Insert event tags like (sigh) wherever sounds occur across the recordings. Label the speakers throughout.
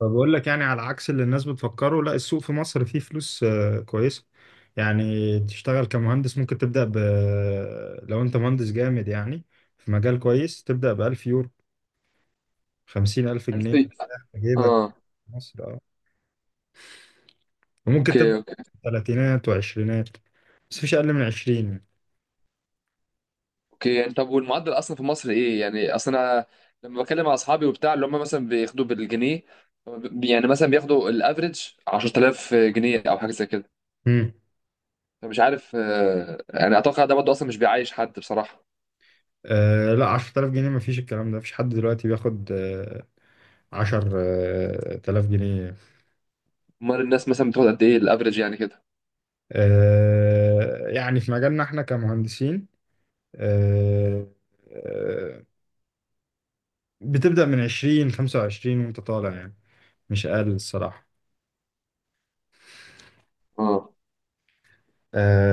Speaker 1: فبقول لك يعني على عكس اللي الناس بتفكره، لا، السوق في مصر فيه فلوس كويسة. يعني تشتغل كمهندس ممكن تبدأ لو انت مهندس جامد يعني، في مجال كويس تبدأ ب1000 يورو. 50,000 جنيه
Speaker 2: ألفي.
Speaker 1: مرتاح في جيبك.
Speaker 2: اه.
Speaker 1: في مصر اه. وممكن
Speaker 2: اوكي
Speaker 1: تبدأ
Speaker 2: اوكي
Speaker 1: تلاتينات وعشرينات، بس مفيش أقل من عشرين.
Speaker 2: اوكي. يعني طب، والمعدل اصلا في مصر ايه؟ يعني اصلا انا لما بكلم مع اصحابي وبتاع، اللي هم مثلا بياخدوا بالجنيه، يعني مثلا بياخدوا الافريج 10,000 جنيه او حاجه زي كده.
Speaker 1: مم.
Speaker 2: فمش عارف يعني اتوقع ده برضه اصلا مش بيعيش حد بصراحه.
Speaker 1: آه لا، 10,000 جنيه مفيش. الكلام ده مفيش حد دلوقتي بياخد عشر تلاف جنيه.
Speaker 2: امال الناس مثلا بتاخد قد ايه الافريج يعني كده؟
Speaker 1: آه يعني في مجالنا احنا كمهندسين، آه، آه، بتبدأ من 20 25 وانت طالع يعني. مش اقل الصراحة.
Speaker 2: اه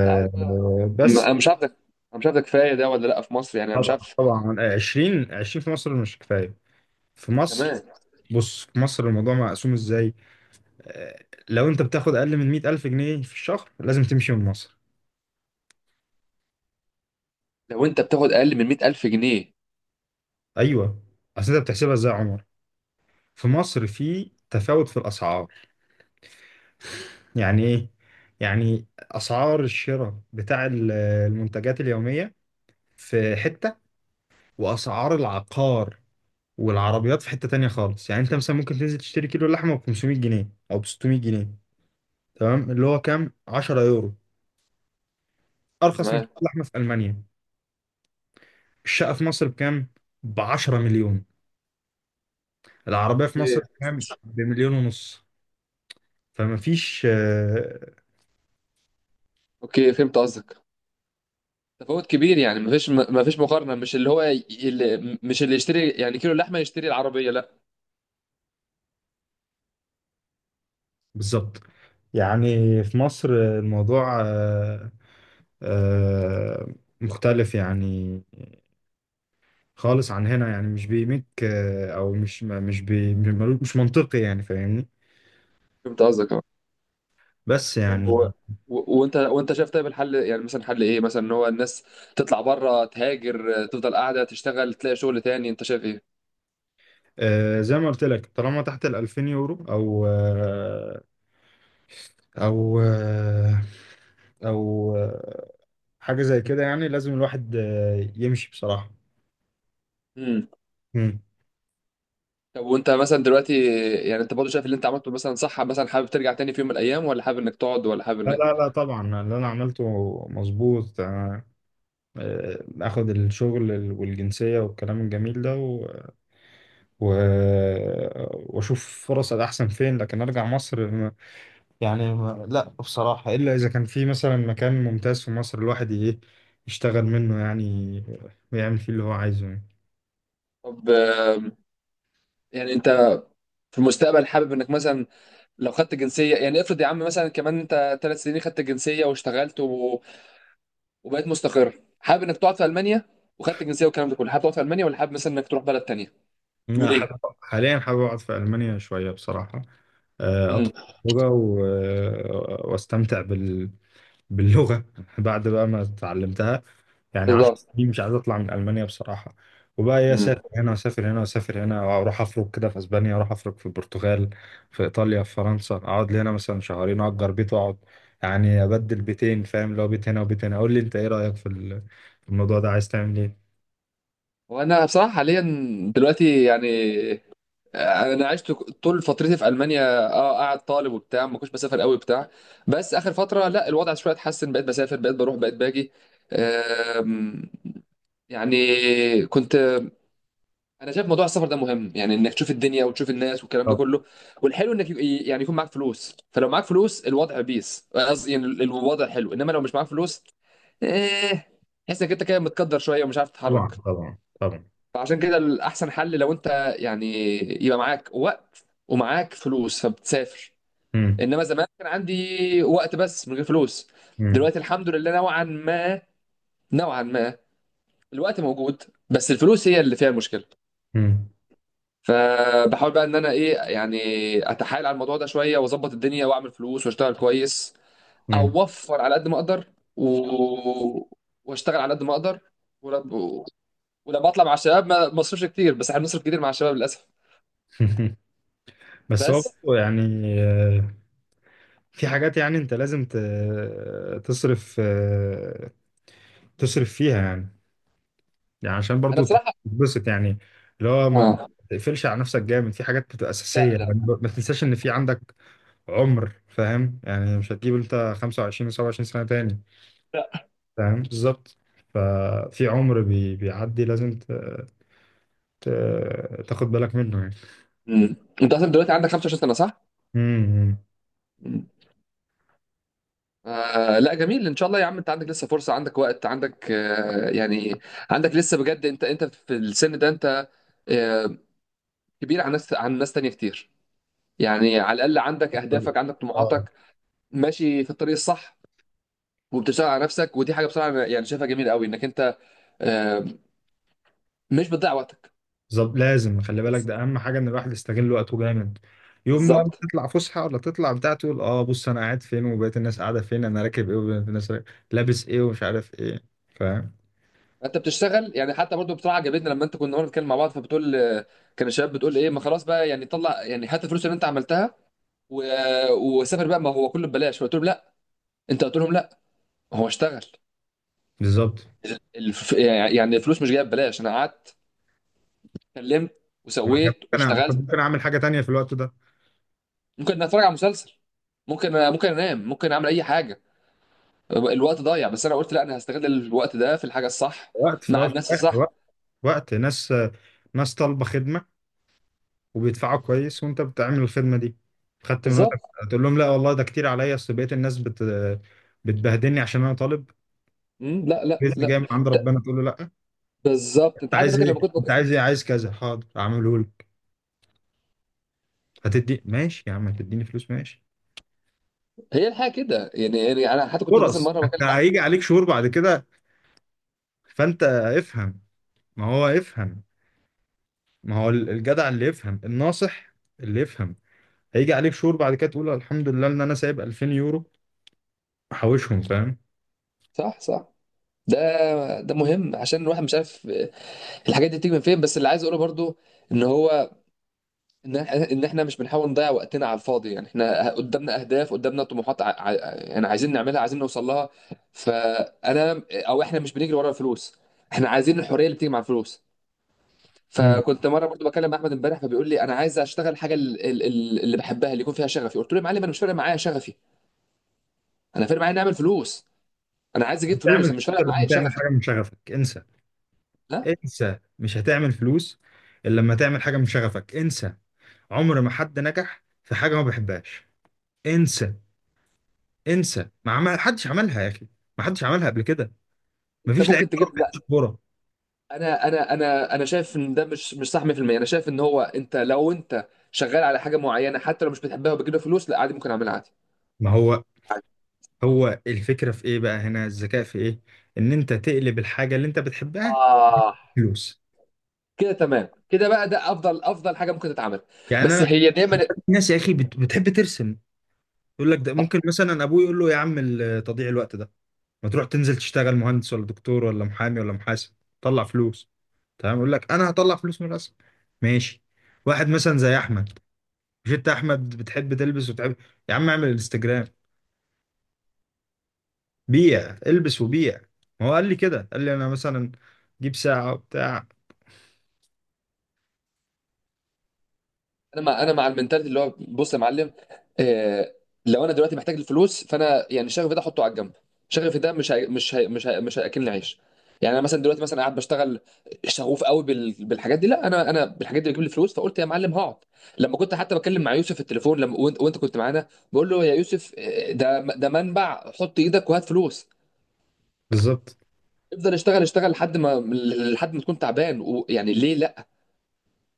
Speaker 2: مش عارف بقى.
Speaker 1: بس
Speaker 2: انا مش عارف ده. انا مش عارف ده كفايه ده ولا لا في مصر، يعني انا مش
Speaker 1: طبعا
Speaker 2: عارف.
Speaker 1: طبعا، 20 20 في مصر مش كفاية. في مصر،
Speaker 2: كمان
Speaker 1: بص، في مصر الموضوع مقسوم ازاي؟ لو انت بتاخد اقل من 100 الف جنيه في الشهر لازم تمشي من مصر.
Speaker 2: لو انت بتاخد اقل من 100,000 جنيه؟
Speaker 1: ايوه. اصل انت بتحسبها ازاي يا عمر؟ في مصر في تفاوت في الاسعار. يعني ايه؟ يعني اسعار الشراء بتاع المنتجات اليومية في حتة، واسعار العقار والعربيات في حتة تانية خالص. يعني انت مثلا ممكن تنزل تشتري كيلو لحمة ب 500 جنيه او ب 600 جنيه، تمام؟ اللي هو كام، 10 يورو؟ ارخص من
Speaker 2: تمام.
Speaker 1: كيلو لحمة في المانيا. الشقة في مصر بكام؟ ب 10 مليون. العربية في مصر
Speaker 2: اوكي
Speaker 1: بكام؟ بمليون ونص. فما فيش.
Speaker 2: اوكي، فهمت قصدك. تفاوت كبير، يعني مفيش، مفيش مقارنه، مش اللي هو اللي، مش اللي يشتري يعني كيلو لحمه يشتري العربيه، لا.
Speaker 1: بالظبط. يعني في مصر الموضوع آه، مختلف يعني، خالص عن هنا. يعني مش بيمك آه، او مش مش بي مش منطقي يعني، فاهمني؟
Speaker 2: فهمت قصدك، اه.
Speaker 1: بس
Speaker 2: طب
Speaker 1: يعني
Speaker 2: وانت، وانت شايف طيب الحل، يعني مثلا حل ايه مثلا، ان هو الناس تطلع بره تهاجر، تفضل قاعده تشتغل، تلاقي شغل تاني؟ انت شايف ايه؟
Speaker 1: زي ما قلت لك، طالما تحت ال 2000 يورو او آه او آه او آه حاجه زي كده، يعني لازم الواحد يمشي بصراحه.
Speaker 2: امم
Speaker 1: مم.
Speaker 2: طب، وانت مثلا دلوقتي، يعني انت برضه شايف اللي انت عملته مثلا صح؟ مثلا حابب ترجع تاني في يوم من الايام، ولا حابب انك تقعد، ولا حابب
Speaker 1: لا
Speaker 2: انك،
Speaker 1: لا لا، طبعا اللي انا عملته مظبوط. اخد الشغل والجنسيه والكلام الجميل ده و... و... آه، واشوف فرص احسن فين، لكن ارجع مصر؟ يعني ما لا بصراحة، إلا إذا كان في مثلا مكان ممتاز في مصر الواحد إيه، يشتغل منه يعني، ويعمل فيه اللي هو عايزه يعني.
Speaker 2: طب يعني انت في المستقبل حابب انك مثلا، لو خدت جنسيه، يعني افرض يا عم مثلا كمان انت ثلاث سنين خدت جنسيه واشتغلت وبقيت مستقر، حابب انك تقعد في المانيا وخدت الجنسيه والكلام ده كله، حابب تقعد في المانيا ولا حابب مثلا انك تروح بلد تانية؟
Speaker 1: أنا
Speaker 2: وليه؟
Speaker 1: حابب حاليا، حابب أقعد في ألمانيا شوية بصراحة.
Speaker 2: امم.
Speaker 1: أطلع لغة و... آه، وأستمتع باللغة (laughs) بعد بقى ما اتعلمتها. يعني 10
Speaker 2: بالظبط.
Speaker 1: سنين مش عايز اطلع من المانيا بصراحه. وبقى ايه،
Speaker 2: امم.
Speaker 1: اسافر هنا واسافر هنا واسافر هنا، اروح افرق كده في اسبانيا، اروح افرق في البرتغال، في ايطاليا، في فرنسا. اقعد لي هنا مثلا شهرين، اجر بيت واقعد. يعني ابدل بيتين، فاهم؟ اللي هو بيت هنا وبيت هنا. قول لي انت ايه رايك في في الموضوع ده، عايز تعمل ايه؟
Speaker 2: وانا بصراحه حاليا دلوقتي يعني، انا عشت طول فترتي في المانيا. اه قاعد طالب وبتاع، ما كنتش بسافر قوي بتاع بس اخر فتره لا، الوضع شويه اتحسن، بقيت بسافر، بقيت بروح، بقيت باجي. آم، يعني كنت، انا شايف موضوع السفر ده مهم، يعني انك تشوف الدنيا وتشوف الناس والكلام ده
Speaker 1: طبعا
Speaker 2: كله. والحلو انك يعني يكون معاك فلوس. فلو معاك فلوس، الوضع بيس، قصدي يعني الوضع حلو. انما لو مش معاك فلوس، ايه، تحس انك انت كده متقدر شويه ومش عارف
Speaker 1: طبعا
Speaker 2: تتحرك.
Speaker 1: طبعا طبعا.
Speaker 2: فعشان كده الاحسن حل لو انت يعني يبقى معاك وقت ومعاك فلوس، فبتسافر.
Speaker 1: مم.
Speaker 2: انما زمان كان عندي وقت بس من غير فلوس.
Speaker 1: مم.
Speaker 2: دلوقتي الحمد لله، نوعا ما، الوقت موجود، بس الفلوس هي اللي فيها المشكله.
Speaker 1: مم.
Speaker 2: فبحاول بقى ان انا ايه يعني، اتحايل على الموضوع ده شويه، واظبط الدنيا واعمل فلوس واشتغل كويس.
Speaker 1: مم.
Speaker 2: اوفر على قد ما اقدر واشتغل على قد ما اقدر. ولما ولما اطلع مع الشباب ما اصرفش كتير، بس احنا بنصرف كتير مع الشباب للاسف.
Speaker 1: (laughs) بس هو
Speaker 2: بس
Speaker 1: برضه يعني، آه، في حاجات يعني انت لازم تصرف فيها يعني، يعني عشان
Speaker 2: انا
Speaker 1: برضو
Speaker 2: بصراحه،
Speaker 1: تتبسط يعني، اللي هو ما
Speaker 2: اه.
Speaker 1: تقفلش على نفسك جامد في حاجات بتبقى أساسية
Speaker 2: لا
Speaker 1: يعني.
Speaker 2: لا
Speaker 1: ما تنساش إن في عندك عمر، فاهم يعني؟ مش هتجيب أنت 25 و27 سنة تاني.
Speaker 2: لا
Speaker 1: فاهم بالظبط. ففي عمر بيعدي، لازم ت... تاخد بالك منه يعني.
Speaker 2: مم. انت اصلا دلوقتي عندك 25 سنه، صح؟
Speaker 1: امم.
Speaker 2: مم. آه لا جميل، ان شاء الله يا عم. انت عندك لسه فرصه، عندك وقت، عندك آه يعني، عندك لسه بجد. انت في السن ده انت آه كبير عن ناس، عن ناس تانيه كتير. يعني على الاقل عندك
Speaker 1: امم.
Speaker 2: اهدافك، عندك
Speaker 1: آه.
Speaker 2: طموحاتك، ماشي في الطريق الصح، وبتشتغل على نفسك. ودي حاجه بصراحه أنا يعني شايفها جميله قوي، انك انت آه، مش بتضيع وقتك.
Speaker 1: بالظبط، لازم خلي بالك. ده اهم حاجه، ان الواحد يستغل وقته جامد. يوم بقى ما
Speaker 2: بالظبط.
Speaker 1: تطلع فسحه، ولا تطلع بتاع، تقول اه بص، انا قاعد فين وبقيت الناس قاعده فين، انا راكب ايه وبقيت الناس راكب، لابس ايه ومش عارف ايه. فاهم
Speaker 2: انت بتشتغل، يعني حتى برضو بصراحه عجبتني لما انت، كنا النهارده بنتكلم مع بعض فبتقول كان الشباب بتقول ايه، ما خلاص بقى يعني طلع، يعني حتى الفلوس اللي انت عملتها وسافر بقى، ما هو كله ببلاش. فقلت لهم لا. انت قلت لهم لا، هو اشتغل.
Speaker 1: بالظبط.
Speaker 2: يعني يعني الفلوس مش جايه ببلاش. انا قعدت، اتكلمت،
Speaker 1: ما كان
Speaker 2: وسويت،
Speaker 1: ممكن كنت
Speaker 2: واشتغلت.
Speaker 1: ممكن اعمل حاجه تانية في الوقت ده.
Speaker 2: ممكن اتفرج على مسلسل، ممكن انام، ممكن اعمل اي حاجه، الوقت ضايع. بس انا قلت لا، انا هستغل الوقت ده في الحاجه الصح،
Speaker 1: وقت، في
Speaker 2: مع
Speaker 1: الاول
Speaker 2: الناس
Speaker 1: وفي الاخر
Speaker 2: الصح.
Speaker 1: وقت. وقت ناس، ناس طالبه خدمه وبيدفعوا كويس وانت بتعمل الخدمه دي، خدت من
Speaker 2: بالظبط.
Speaker 1: وقتك. تقول لهم لا والله، ده كتير عليا، اصل بقيت الناس بتبهدلني عشان انا طالب.
Speaker 2: مم، لا لا
Speaker 1: رزق
Speaker 2: لا
Speaker 1: جاي من عند
Speaker 2: ت-
Speaker 1: ربنا تقول له لا؟
Speaker 2: بالظبط.
Speaker 1: انت
Speaker 2: انت حتى
Speaker 1: عايز
Speaker 2: فاكر
Speaker 1: ايه؟
Speaker 2: لما كنت
Speaker 1: انت عايز ايه؟ عايز كذا، حاضر اعمله لك. هتدي؟ ماشي يا عم. هتديني فلوس؟ ماشي.
Speaker 2: هي الحاجه كده يعني، يعني انا حتى كنت مثلا
Speaker 1: فرص.
Speaker 2: مره بكلم
Speaker 1: انت
Speaker 2: احمد.
Speaker 1: هيجي عليك شهور بعد كده، فانت افهم. ما هو افهم، ما هو الجدع اللي يفهم الناصح، اللي يفهم. هيجي عليك شهور بعد كده تقول الحمد لله ان انا سايب 2000 يورو، محوشهم، فاهم؟
Speaker 2: صح، صح. ده ده مهم عشان الواحد مش عارف الحاجات دي بتيجي من فين. بس اللي عايز اقوله برضو ان هو، ان احنا، إن إحنا مش بنحاول نضيع وقتنا على الفاضي. يعني احنا قدامنا اهداف، قدامنا طموحات، يعني عايزين نعملها، عايزين نوصل لها. فانا او احنا مش بنجري ورا الفلوس، احنا عايزين الحريه اللي بتيجي مع الفلوس.
Speaker 1: مم.
Speaker 2: فكنت مره برضو بكلم احمد امبارح، فبيقول لي انا عايز اشتغل حاجه اللي بحبها، اللي يكون فيها شغفي. قلت له يا معلم، انا مش فارق معايا شغفي، انا فارق معايا نعمل فلوس. انا عايز اجيب فلوس،
Speaker 1: تعمل
Speaker 2: انا مش
Speaker 1: فلوس
Speaker 2: فارق
Speaker 1: إلا لما
Speaker 2: معايا
Speaker 1: تعمل
Speaker 2: شغفي.
Speaker 1: حاجه من شغفك؟ انسى.
Speaker 2: لا
Speaker 1: انسى، مش هتعمل فلوس الا لما تعمل حاجه من شغفك. انسى. عمر ما حد نجح في حاجه ما بيحبهاش. انسى. انسى، ما عمل حدش عملها يا اخي، ما حدش عملها قبل كده. ما
Speaker 2: انت
Speaker 1: فيش لعيب
Speaker 2: ممكن
Speaker 1: كوره ما
Speaker 2: تجيب، لا.
Speaker 1: بيلعبش كوره.
Speaker 2: انا شايف ان ده مش مش صح 100%. انا شايف ان هو، انت لو انت شغال على حاجه معينه حتى لو مش بتحبها وبتجيب لها فلوس، لا عادي ممكن اعملها عادي.
Speaker 1: ما هو، هو الفكره في ايه بقى هنا، الذكاء في ايه؟ ان انت تقلب الحاجه اللي انت بتحبها
Speaker 2: آه
Speaker 1: فلوس.
Speaker 2: كده تمام، كده بقى ده افضل، افضل حاجه ممكن تتعمل.
Speaker 1: يعني
Speaker 2: بس
Speaker 1: انا،
Speaker 2: هي دايما،
Speaker 1: ناس يا اخي بتحب ترسم، يقول لك ده ممكن، مثلا ابوه يقول له يا عم تضييع الوقت ده، ما تروح تنزل تشتغل مهندس ولا دكتور ولا محامي ولا محاسب، طلع فلوس. تمام؟ يقول لك انا هطلع فلوس من الرسم. ماشي. واحد مثلا زي احمد، مش انت احمد بتحب تلبس وتحب؟ يا عم اعمل انستجرام، بيع البس وبيع. ما هو قال لي كده، قال لي انا مثلا جيب ساعة وبتاع.
Speaker 2: انا مع، انا مع المنتاليتي اللي هو بص يا معلم، آه، لو انا دلوقتي محتاج الفلوس، فانا يعني شغفي ده احطه على جنب. شغفي ده مش هياكلني عيش. يعني انا مثلا دلوقتي مثلا قاعد بشتغل شغوف قوي بالحاجات دي، لا انا، انا بالحاجات دي بتجيب لي فلوس. فقلت يا معلم هقعد. لما كنت حتى بتكلم مع يوسف في التليفون لما وانت كنت معانا، بقول له يا يوسف، ده ده منبع، حط ايدك وهات فلوس.
Speaker 1: بالظبط.
Speaker 2: افضل اشتغل، اشتغل لحد ما تكون تعبان، ويعني ليه لا.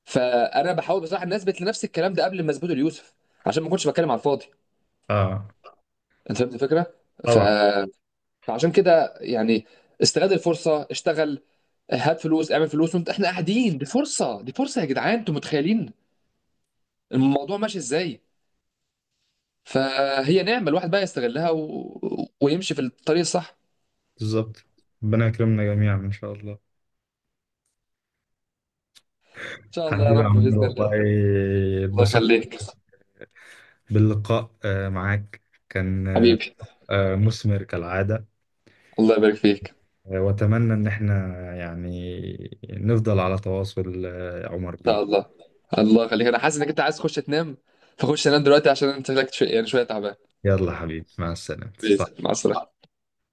Speaker 2: فانا بحاول بصراحه ان اثبت لنفسي الكلام ده قبل ما اثبته ليوسف، عشان ما اكونش بتكلم على الفاضي.
Speaker 1: اه
Speaker 2: انت فهمت الفكره؟ ف...
Speaker 1: طبعا.
Speaker 2: فعشان كده يعني، استغل الفرصه، اشتغل، هات فلوس، اعمل فلوس وانت، احنا قاعدين. دي فرصه، دي فرصه يا جدعان، انتوا متخيلين الموضوع ماشي ازاي. فهي نعمه الواحد بقى يستغلها ويمشي في الطريق الصح.
Speaker 1: بالظبط. ربنا يكرمنا جميعا ان شاء الله.
Speaker 2: ان شاء الله يا
Speaker 1: حبيبي يا
Speaker 2: رب،
Speaker 1: عمرو
Speaker 2: باذن
Speaker 1: والله،
Speaker 2: الله. الله
Speaker 1: اتبسطت
Speaker 2: يخليك.
Speaker 1: باللقاء معاك. كان
Speaker 2: حبيبي.
Speaker 1: مثمر كالعادة.
Speaker 2: الله يبارك فيك، ان
Speaker 1: واتمنى ان احنا يعني نفضل على تواصل، يا عمر
Speaker 2: شاء
Speaker 1: بيه.
Speaker 2: الله. الله يخليك. انا حاسس انك انت عايز تخش تنام، فخش تنام دلوقتي، عشان انت شكلك يعني شويه تعبان.
Speaker 1: يلا حبيبي، مع السلامة.
Speaker 2: باذن الله، مع السلامه.